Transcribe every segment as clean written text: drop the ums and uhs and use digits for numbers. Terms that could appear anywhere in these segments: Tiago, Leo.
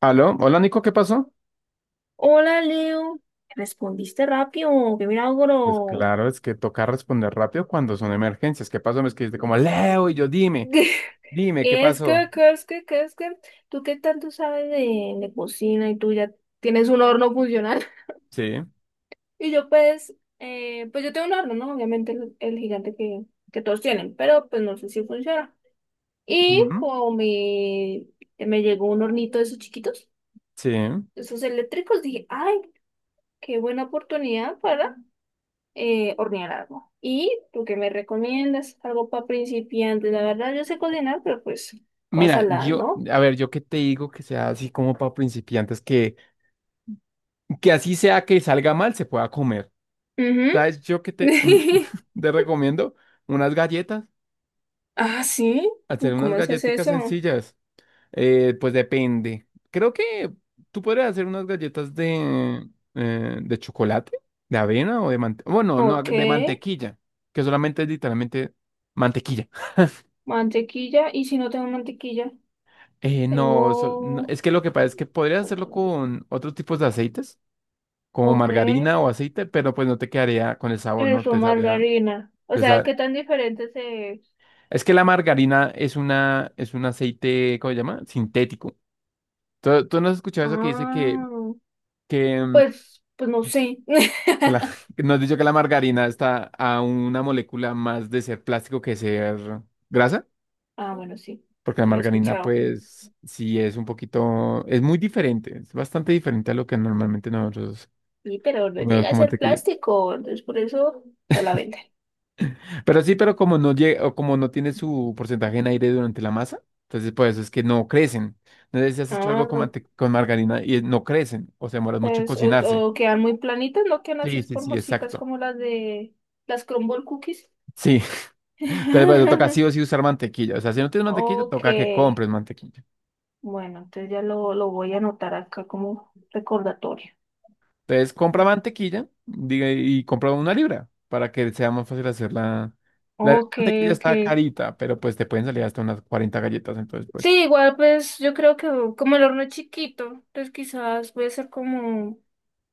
Aló, hola Nico, ¿qué pasó? Hola, Leo. Respondiste rápido, qué Pues milagro. claro, es que toca responder rápido cuando son emergencias. ¿Qué pasó? Me escribiste como Leo y yo, dime, dime, ¿qué Es pasó? que, que, es que, que, es que, tú qué tanto sabes de cocina y tú ya tienes un horno funcional. Sí. Y yo pues, pues yo tengo un horno, ¿no? Obviamente el gigante que todos tienen, pero pues no sé si funciona. Y Ujú. como me, Me llegó un hornito de esos chiquitos, Sí. esos eléctricos, dije, ay, qué buena oportunidad para hornear algo. ¿Y tú qué me recomiendas? Algo para principiantes. La verdad, yo sé cocinar, pero pues, cosa Mira, la, yo, ¿no? a ver, yo qué te digo que sea así como para principiantes, que así sea que salga mal, se pueda comer. Ujú. ¿Sabes? Yo que te recomiendo unas galletas, Ah, sí. hacer unas ¿Cómo se hace galletitas eso? sencillas. Pues depende. Creo que tú podrías hacer unas galletas de, de chocolate, de avena o de mantequilla. Bueno, no, Ok. de mantequilla, que solamente es literalmente mantequilla. Mantequilla. ¿Y si no tengo mantequilla? No, no, Tengo... es que lo que pasa es que podrías hacerlo con otros tipos de aceites, como Ok. margarina o aceite, pero pues no te quedaría con el sabor, no Eso, te sabrían. margarina. O te sea, sa- ¿qué tan diferente se... Es que la margarina es un aceite, ¿cómo se llama? Sintético. ¿Tú no has escuchado eso que dice Ah, que, pues no sé. que la- que Nos has dicho que la margarina está a una molécula más de ser plástico que ser grasa, Ah, bueno, sí. porque la Sí lo he margarina, escuchado. pues, es muy diferente, es bastante diferente a lo que normalmente nosotros Sí, pero no comemos llega a como ser mantequilla. plástico, entonces por eso no la venden. Pero sí, pero como no llega, o como no tiene su porcentaje en aire durante la masa, entonces por eso es que no crecen. No sé si has hecho algo con, Ah, mante- con margarina y no crecen, o se demoras mucho en pues, cocinarse. o quedan muy planitas, no quedan así Sí, sí, sí, esponjositas exacto. como las de las crumble Cookies. Sí, entonces por eso toca sí o sí usar mantequilla. O sea, si no tienes mantequilla, Ok, toca que compres mantequilla. bueno, entonces ya lo voy a anotar acá como recordatorio. Entonces compra mantequilla diga, y compra una libra para que sea más fácil hacer la... La Ok, mantequilla ok. está carita, pero pues te pueden salir hasta unas 40 galletas, entonces pues... Sí, igual pues yo creo que como el horno es chiquito, entonces quizás voy a hacer como,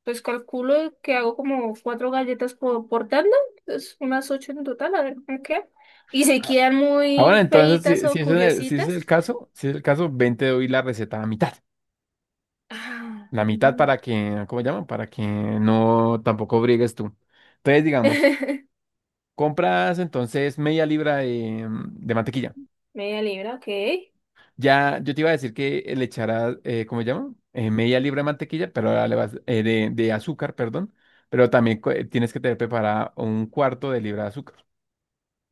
pues calculo que hago como cuatro galletas por tanda, entonces unas ocho en total, a ver cómo queda. Y si ah, quedan Ahora, muy entonces, feitas o si ese es el curiositas. caso, si es el caso, ven, te doy la receta a mitad. Ah. La mitad para que, ¿cómo llaman? Para que no tampoco brigues tú. Entonces, digamos, compras entonces media libra de mantequilla. Media libra, ok. Ya, yo te iba a decir que le echarás, ¿cómo se llama? Media libra de mantequilla, pero ahora le vas, de azúcar, perdón. Pero también tienes que tener preparada un cuarto de libra de azúcar.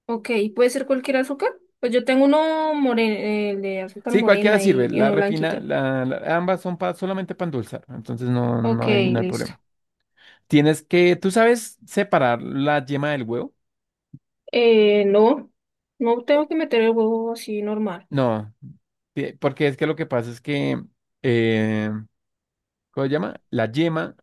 Ok, ¿puede ser cualquier azúcar? Pues yo tengo uno moreno, el de azúcar Sí, cualquiera morena sirve. Y La uno refina, blanquito. la- ambas son solamente para endulzar. Entonces no, Ok, no hay listo. problema. Tienes que, ¿tú sabes separar la yema del huevo? No, no Bueno, tengo que meter el huevo así normal. no, porque es que lo que pasa es que, eh, ¿cómo se llama? La yema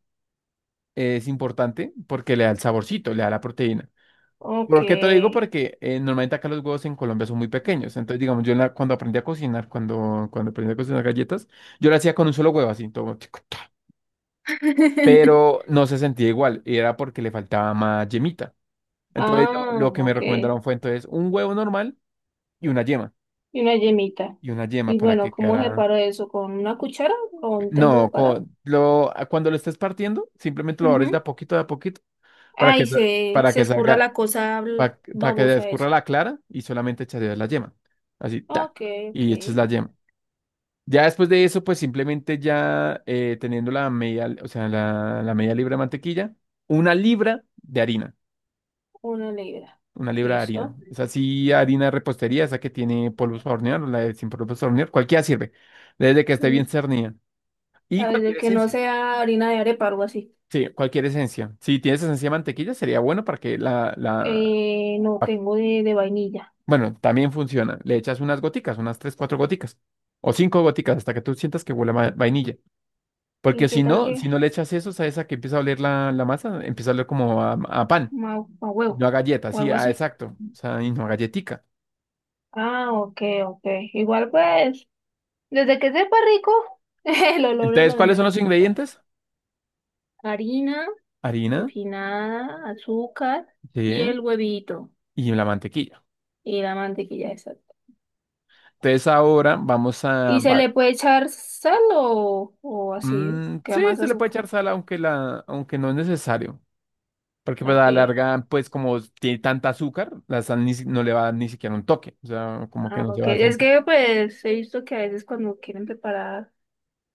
es importante porque le da el saborcito, le da la proteína. Ok. ¿Por qué te lo digo? Porque normalmente acá los huevos en Colombia son muy pequeños. Entonces, digamos, yo cuando aprendí a cocinar, cuando aprendí a cocinar galletas, yo lo hacía con un solo huevo, así, todo, tic, tac. Pero no se sentía igual y era porque le faltaba más yemita. Entonces, lo, Ah, lo que me ok. Y recomendaron fue entonces un huevo normal y una yema. una yemita. Y una yema Y para bueno, que ¿cómo quedara... separo eso? ¿Con una cuchara o intento No, separar? Cuando lo estés partiendo, simplemente lo abres Ujú. De a poquito, Ay, para se que escurra salga... la cosa para que babosa escurra esa. la clara y solamente echarías la yema. Así, ta, Ok, ok. y echas la yema. Ya después de eso, pues simplemente ya teniendo la media, o sea, la media libra de mantequilla, una libra de harina, Una libra. una libra de harina. Listo. Es así, harina de repostería, esa que tiene polvos para hornear, o la de sin polvos para hornear, cualquiera sirve, desde que esté bien Mm. cernida. Y A ver, de cualquier que no esencia. sea harina de arepa o algo así. Sí, cualquier esencia. Si tienes esencia de mantequilla, sería bueno para que la, No, para tengo de vainilla. bueno, también funciona. Le echas unas goticas, unas tres, cuatro goticas. O cinco goticas hasta que tú sientas que huele a vainilla. ¿Y Porque qué si tal no, que si no le echas eso, ¿sabes a esa que empieza a oler la masa, empieza a oler como a pan? Ma Y no huevo a galleta, o sí, algo así? exacto. O sea, y no a galletica. Ah, ok, ok. Igual pues. Desde que sepa rico, el olor es Entonces, lo de ¿cuáles son menos. los ingredientes? Harina Harina, refinada, azúcar y sí, el huevito y la mantequilla. y la mantequilla esa. Entonces, ahora vamos a... ¿Y se le puede echar sal o así? Queda sí, más se le puede azúcar. echar sal, aunque, aunque no es necesario. Porque pues a la Ok. larga, pues como tiene tanta azúcar, la sal ni si- no le va a dar ni siquiera un toque. O sea, como que Ah, no se ok. va a Es sentir. que pues he visto que a veces cuando quieren preparar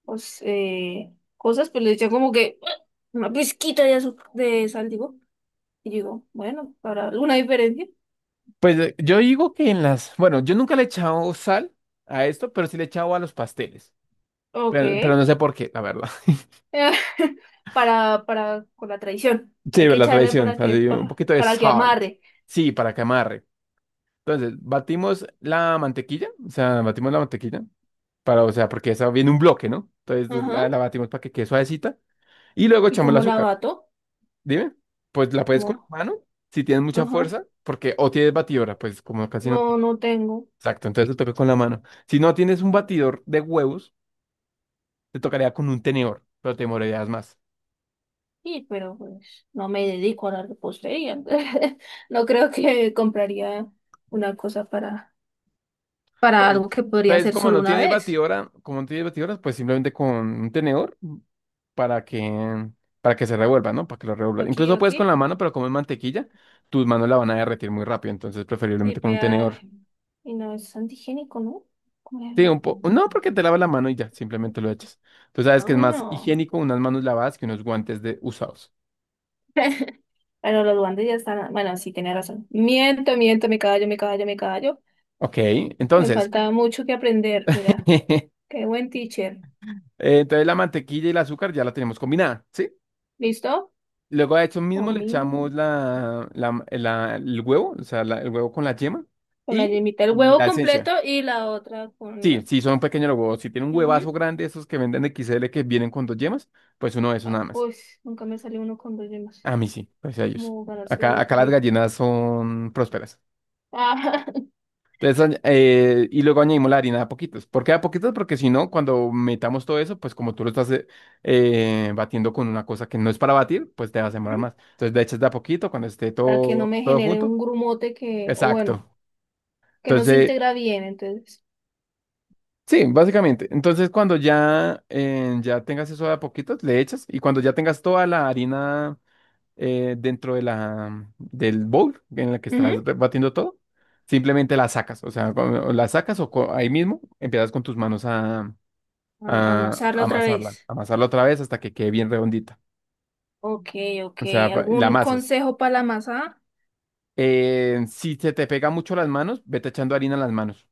pues, cosas, pues le echan como que ¡ah! Una pizquita de azúcar, de sal, digo. Y digo, bueno, para alguna diferencia. Pues yo digo que en las... Bueno, yo nunca le he echado sal a esto, pero sí le he echado a los pasteles. Pero Ok. no sé por qué, la verdad. Con la tradición Sí, hay que la echarle tradición. para que, Así, un poquito de para que sal. amarre. Sí, para que amarre. Entonces, batimos la mantequilla. O sea, batimos la mantequilla. Para, o sea, porque esa viene un bloque, ¿no? Entonces Ajá. la batimos para que quede suavecita. Y luego Y echamos el como la azúcar. bato, Dime, pues la puedes con como, la mano, si tienes mucha ajá, fuerza, porque o tienes batidora, pues como casi no no, tienes. no tengo. Exacto, entonces te toca con la mano. Si no tienes un batidor de huevos, te tocaría con un tenedor, pero te demorarías más. Y, pero pues, no me dedico a la repostería. No creo que compraría una cosa para algo Bien. que podría Entonces, hacer como solo no una tienes vez. batidora, como no tienes batidoras, pues simplemente con un tenedor para que para que se revuelva, ¿no? Para que lo revuelva. Incluso puedes con la Aquí. mano, pero como es mantequilla, tus manos la van a derretir muy rápido, entonces Sí, preferiblemente con pues, un ah, tenedor. y no es antigénico, ¿no? Como- Sí, un era. poco. No, porque te lavas la mano y ya, simplemente lo echas. Tú sabes Ah, que es más bueno. higiénico unas manos lavadas que unos guantes de usados. Bueno, los duendes ya están. Bueno, sí, tenía razón. Miento, miento, me callo. Ok, Me entonces, falta mucho que aprender. Mira, eh, qué buen teacher. entonces la mantequilla y el azúcar ya la tenemos combinada, ¿sí? ¿Listo? Luego a eso mismo Con le echamos mi- el huevo, o sea, el huevo con la yema con la y, yemita, el y huevo la completo esencia. y la otra con Sí, la. sí, son pequeños los huevos. Si tienen un huevazo Ujú. grande, esos que venden de XL que vienen con dos yemas, pues uno de esos Ah, nada más. uy, nunca me salió uno con dos yemas. A mí sí, pues a ellos. Como ganarse la Acá las lotería. gallinas son prósperas. Ah. Entonces, y luego añadimos la harina de a poquitos. ¿Por qué de a poquitos? Porque si no, cuando metamos todo eso, pues como tú lo estás batiendo con una cosa que no es para batir, pues te vas a demorar Ujú. más. Entonces le echas de a poquito cuando esté Para que no todo, me todo genere junto. un grumote que, o bueno, Exacto. que no se Entonces, integra bien, entonces. sí, básicamente. Entonces cuando ya, ya tengas eso de a poquitos, le echas. Y cuando ya tengas toda la harina dentro de del bowl en la que estás Ujú. Batiendo todo, simplemente la sacas. O sea, la sacas o ahí mismo empiezas con tus manos A- a amasarla otra amasarla, vez. amasarla otra vez hasta que quede bien redondita. Ok, ok. O sea, la ¿Algún amasas. consejo para la masa? Si se te pega mucho las manos, vete echando harina en las manos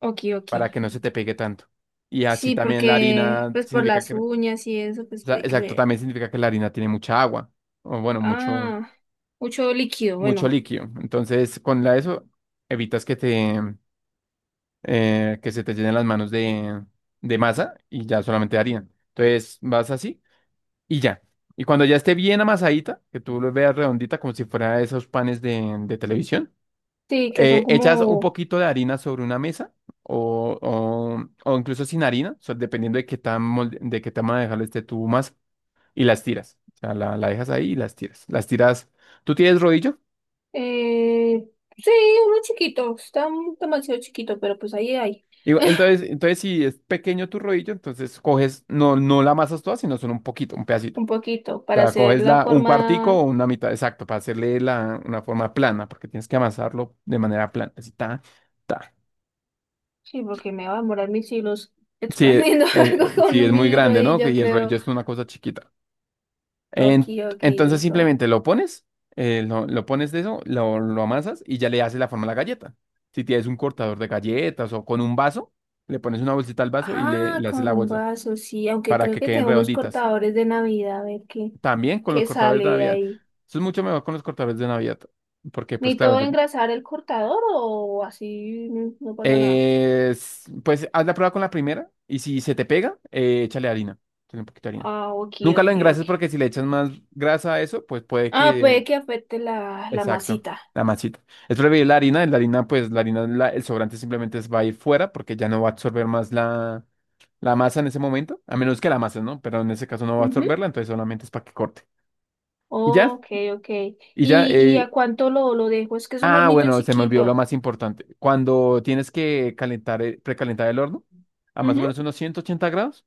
Ok, ok. para que no se te pegue tanto. Y así Sí, también la porque harina pues por significa las que, o uñas y eso, pues sea, hay que exacto, ver. también significa que la harina tiene mucha agua o bueno, mucho, Ah, mucho líquido, mucho bueno. líquido. Entonces, con la eso evitas que que se te llenen las manos de masa y ya solamente harina. Entonces, vas así, y ya. Y cuando ya esté bien amasadita, que tú lo veas redondita como si fuera esos panes de televisión, Sí, que son echas un como... poquito de harina sobre una mesa o, o, o incluso sin harina, o sea, dependiendo de qué de qué tamaño dejarlo este tu masa, y las tiras. O sea, la dejas ahí y las tiras. Las tiras. ¿Tú tienes rodillo? Eh, sí, uno chiquito, está demasiado chiquito, pero pues ahí hay. Digo, entonces, si es pequeño tu rodillo, entonces coges, no, no la amasas toda, sino solo un poquito, un pedacito. Un poquito, para Sea, hacer coges la un cuartico o forma... una mitad, exacto, para hacerle una forma plana, porque tienes que amasarlo de manera plana. Así, ta, ta. Sí, porque me va a demorar mis hilos Sí, eh, expandiendo algo eh, con sí, un es muy mini grande, ¿no? rodillo, Y el rollo creo. es una cosa chiquita. Ok, ok, Entonces listo. simplemente lo pones de eso, lo amasas y ya le haces la forma a la galleta. Si tienes un cortador de galletas o con un vaso, le pones una bolsita al vaso y le, Ah, le haces con la un bolsa vaso, sí, aunque para creo que que queden tengo unos redonditas. cortadores de Navidad, a ver qué, También con los qué cortadores sale de de Navidad. ahí. Eso es mucho mejor con los cortadores de Navidad. Porque, pues claro, ¿Necesito engrasar el cortador o así no, no pasa nada? Pues haz la prueba con la primera y si se te pega, échale harina. Échale un poquito de harina. Ah, ok, Nunca lo ok, ok. engrases porque si le echas más grasa a eso, pues puede Ah, que... puede que afecte la Exacto, masita. la masita. Es preferible la harina, el sobrante simplemente va a ir fuera porque ya no va a absorber más la masa en ese momento, a menos que la masa, ¿no? Pero en ese caso no va a Ujú. absorberla, entonces solamente es para que corte. Y ya, Ok, ok. y ya, ¿Y eh, a cuánto lo dejo? Es que es un ah, hornito bueno, se me olvidó lo chiquito. más importante. Cuando tienes que calentar, precalentar el horno a más o Ujú. menos unos 180 grados,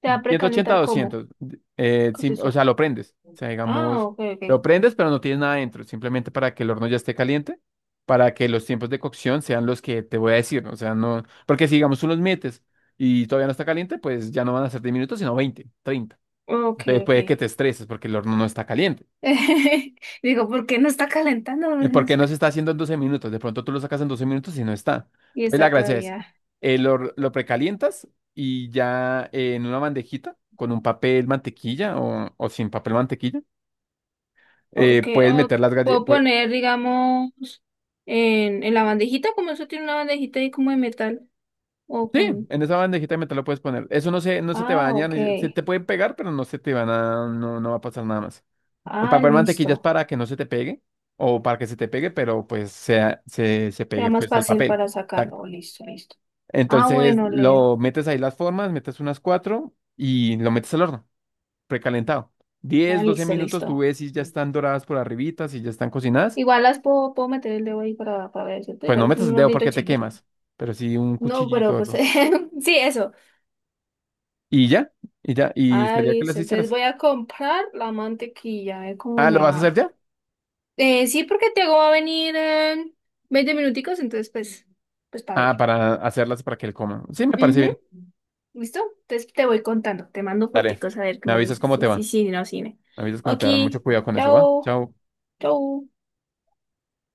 ¿Te va a 180 a precalentar cómo? 200, ¿Qué es o eso? sea, lo prendes. O sea, Ah, digamos, ok, lo ok. prendes, pero no tienes nada dentro, simplemente para que el horno ya esté caliente, para que los tiempos de cocción sean los que te voy a decir, ¿no? O sea, no, porque si digamos tú los metes y todavía no está caliente, pues ya no van a ser 10 minutos, sino 20, 30. Ok, Entonces puede que ok. te estreses porque el horno no está caliente. Digo, ¿por qué no está calentando? Porque no se está haciendo en 12 minutos. De pronto tú lo sacas en 12 minutos y no está. Y Entonces la está gracia es, todavía. lo precalientas y ya en una bandejita con un papel mantequilla o sin papel mantequilla, Ok, eh, puedes o meter las puedo galletas. poner, digamos, en la bandejita, como eso tiene una bandejita ahí como de metal. O Sí, con. en esa bandejita de metal lo puedes poner. Eso no se te va a Ah, dañar, se ok. te pueden pegar, pero no se te van a, no, no va a pasar nada más. El Ah, papel mantequilla es listo. para que no se te pegue o para que se te pegue, pero pues sea, se pegue Sea más pues, el fácil papel. para sacarlo. Listo, listo. Ah, Entonces bueno, lo Leo. metes ahí las formas, metes unas cuatro y lo metes al horno, precalentado. Ah, 10, 12 listo, minutos, listo. tú ves si ya están doradas por arribita, si ya están cocinadas. Igual las puedo, puedo meter el dedo ahí para ver, ¿cierto? Pues no Igual es metas el un dedo hornito porque te chiquito. quemas, pero sí un No, cuchillito pero o pues algo. sí, eso. Y ya, y Ah, sería que las listo. Entonces hicieras. voy a comprar la mantequilla, a ver cómo Ah, ¿lo me vas a hacer va. ya? Sí, porque Tiago va a venir en 20 minuticos, entonces pues, pues para Ah, ver. para hacerlas para que él coma. Sí, me parece Ujú. bien. ¿Listo? Entonces te voy contando, te mando Dale, foticos a ver qué me me avisas dices. cómo Sí, te sí, va. sí, no, cine. Me avisas cómo Ok, te va. Mucho cuidado con eso, ¿va? chao, Chao. chao.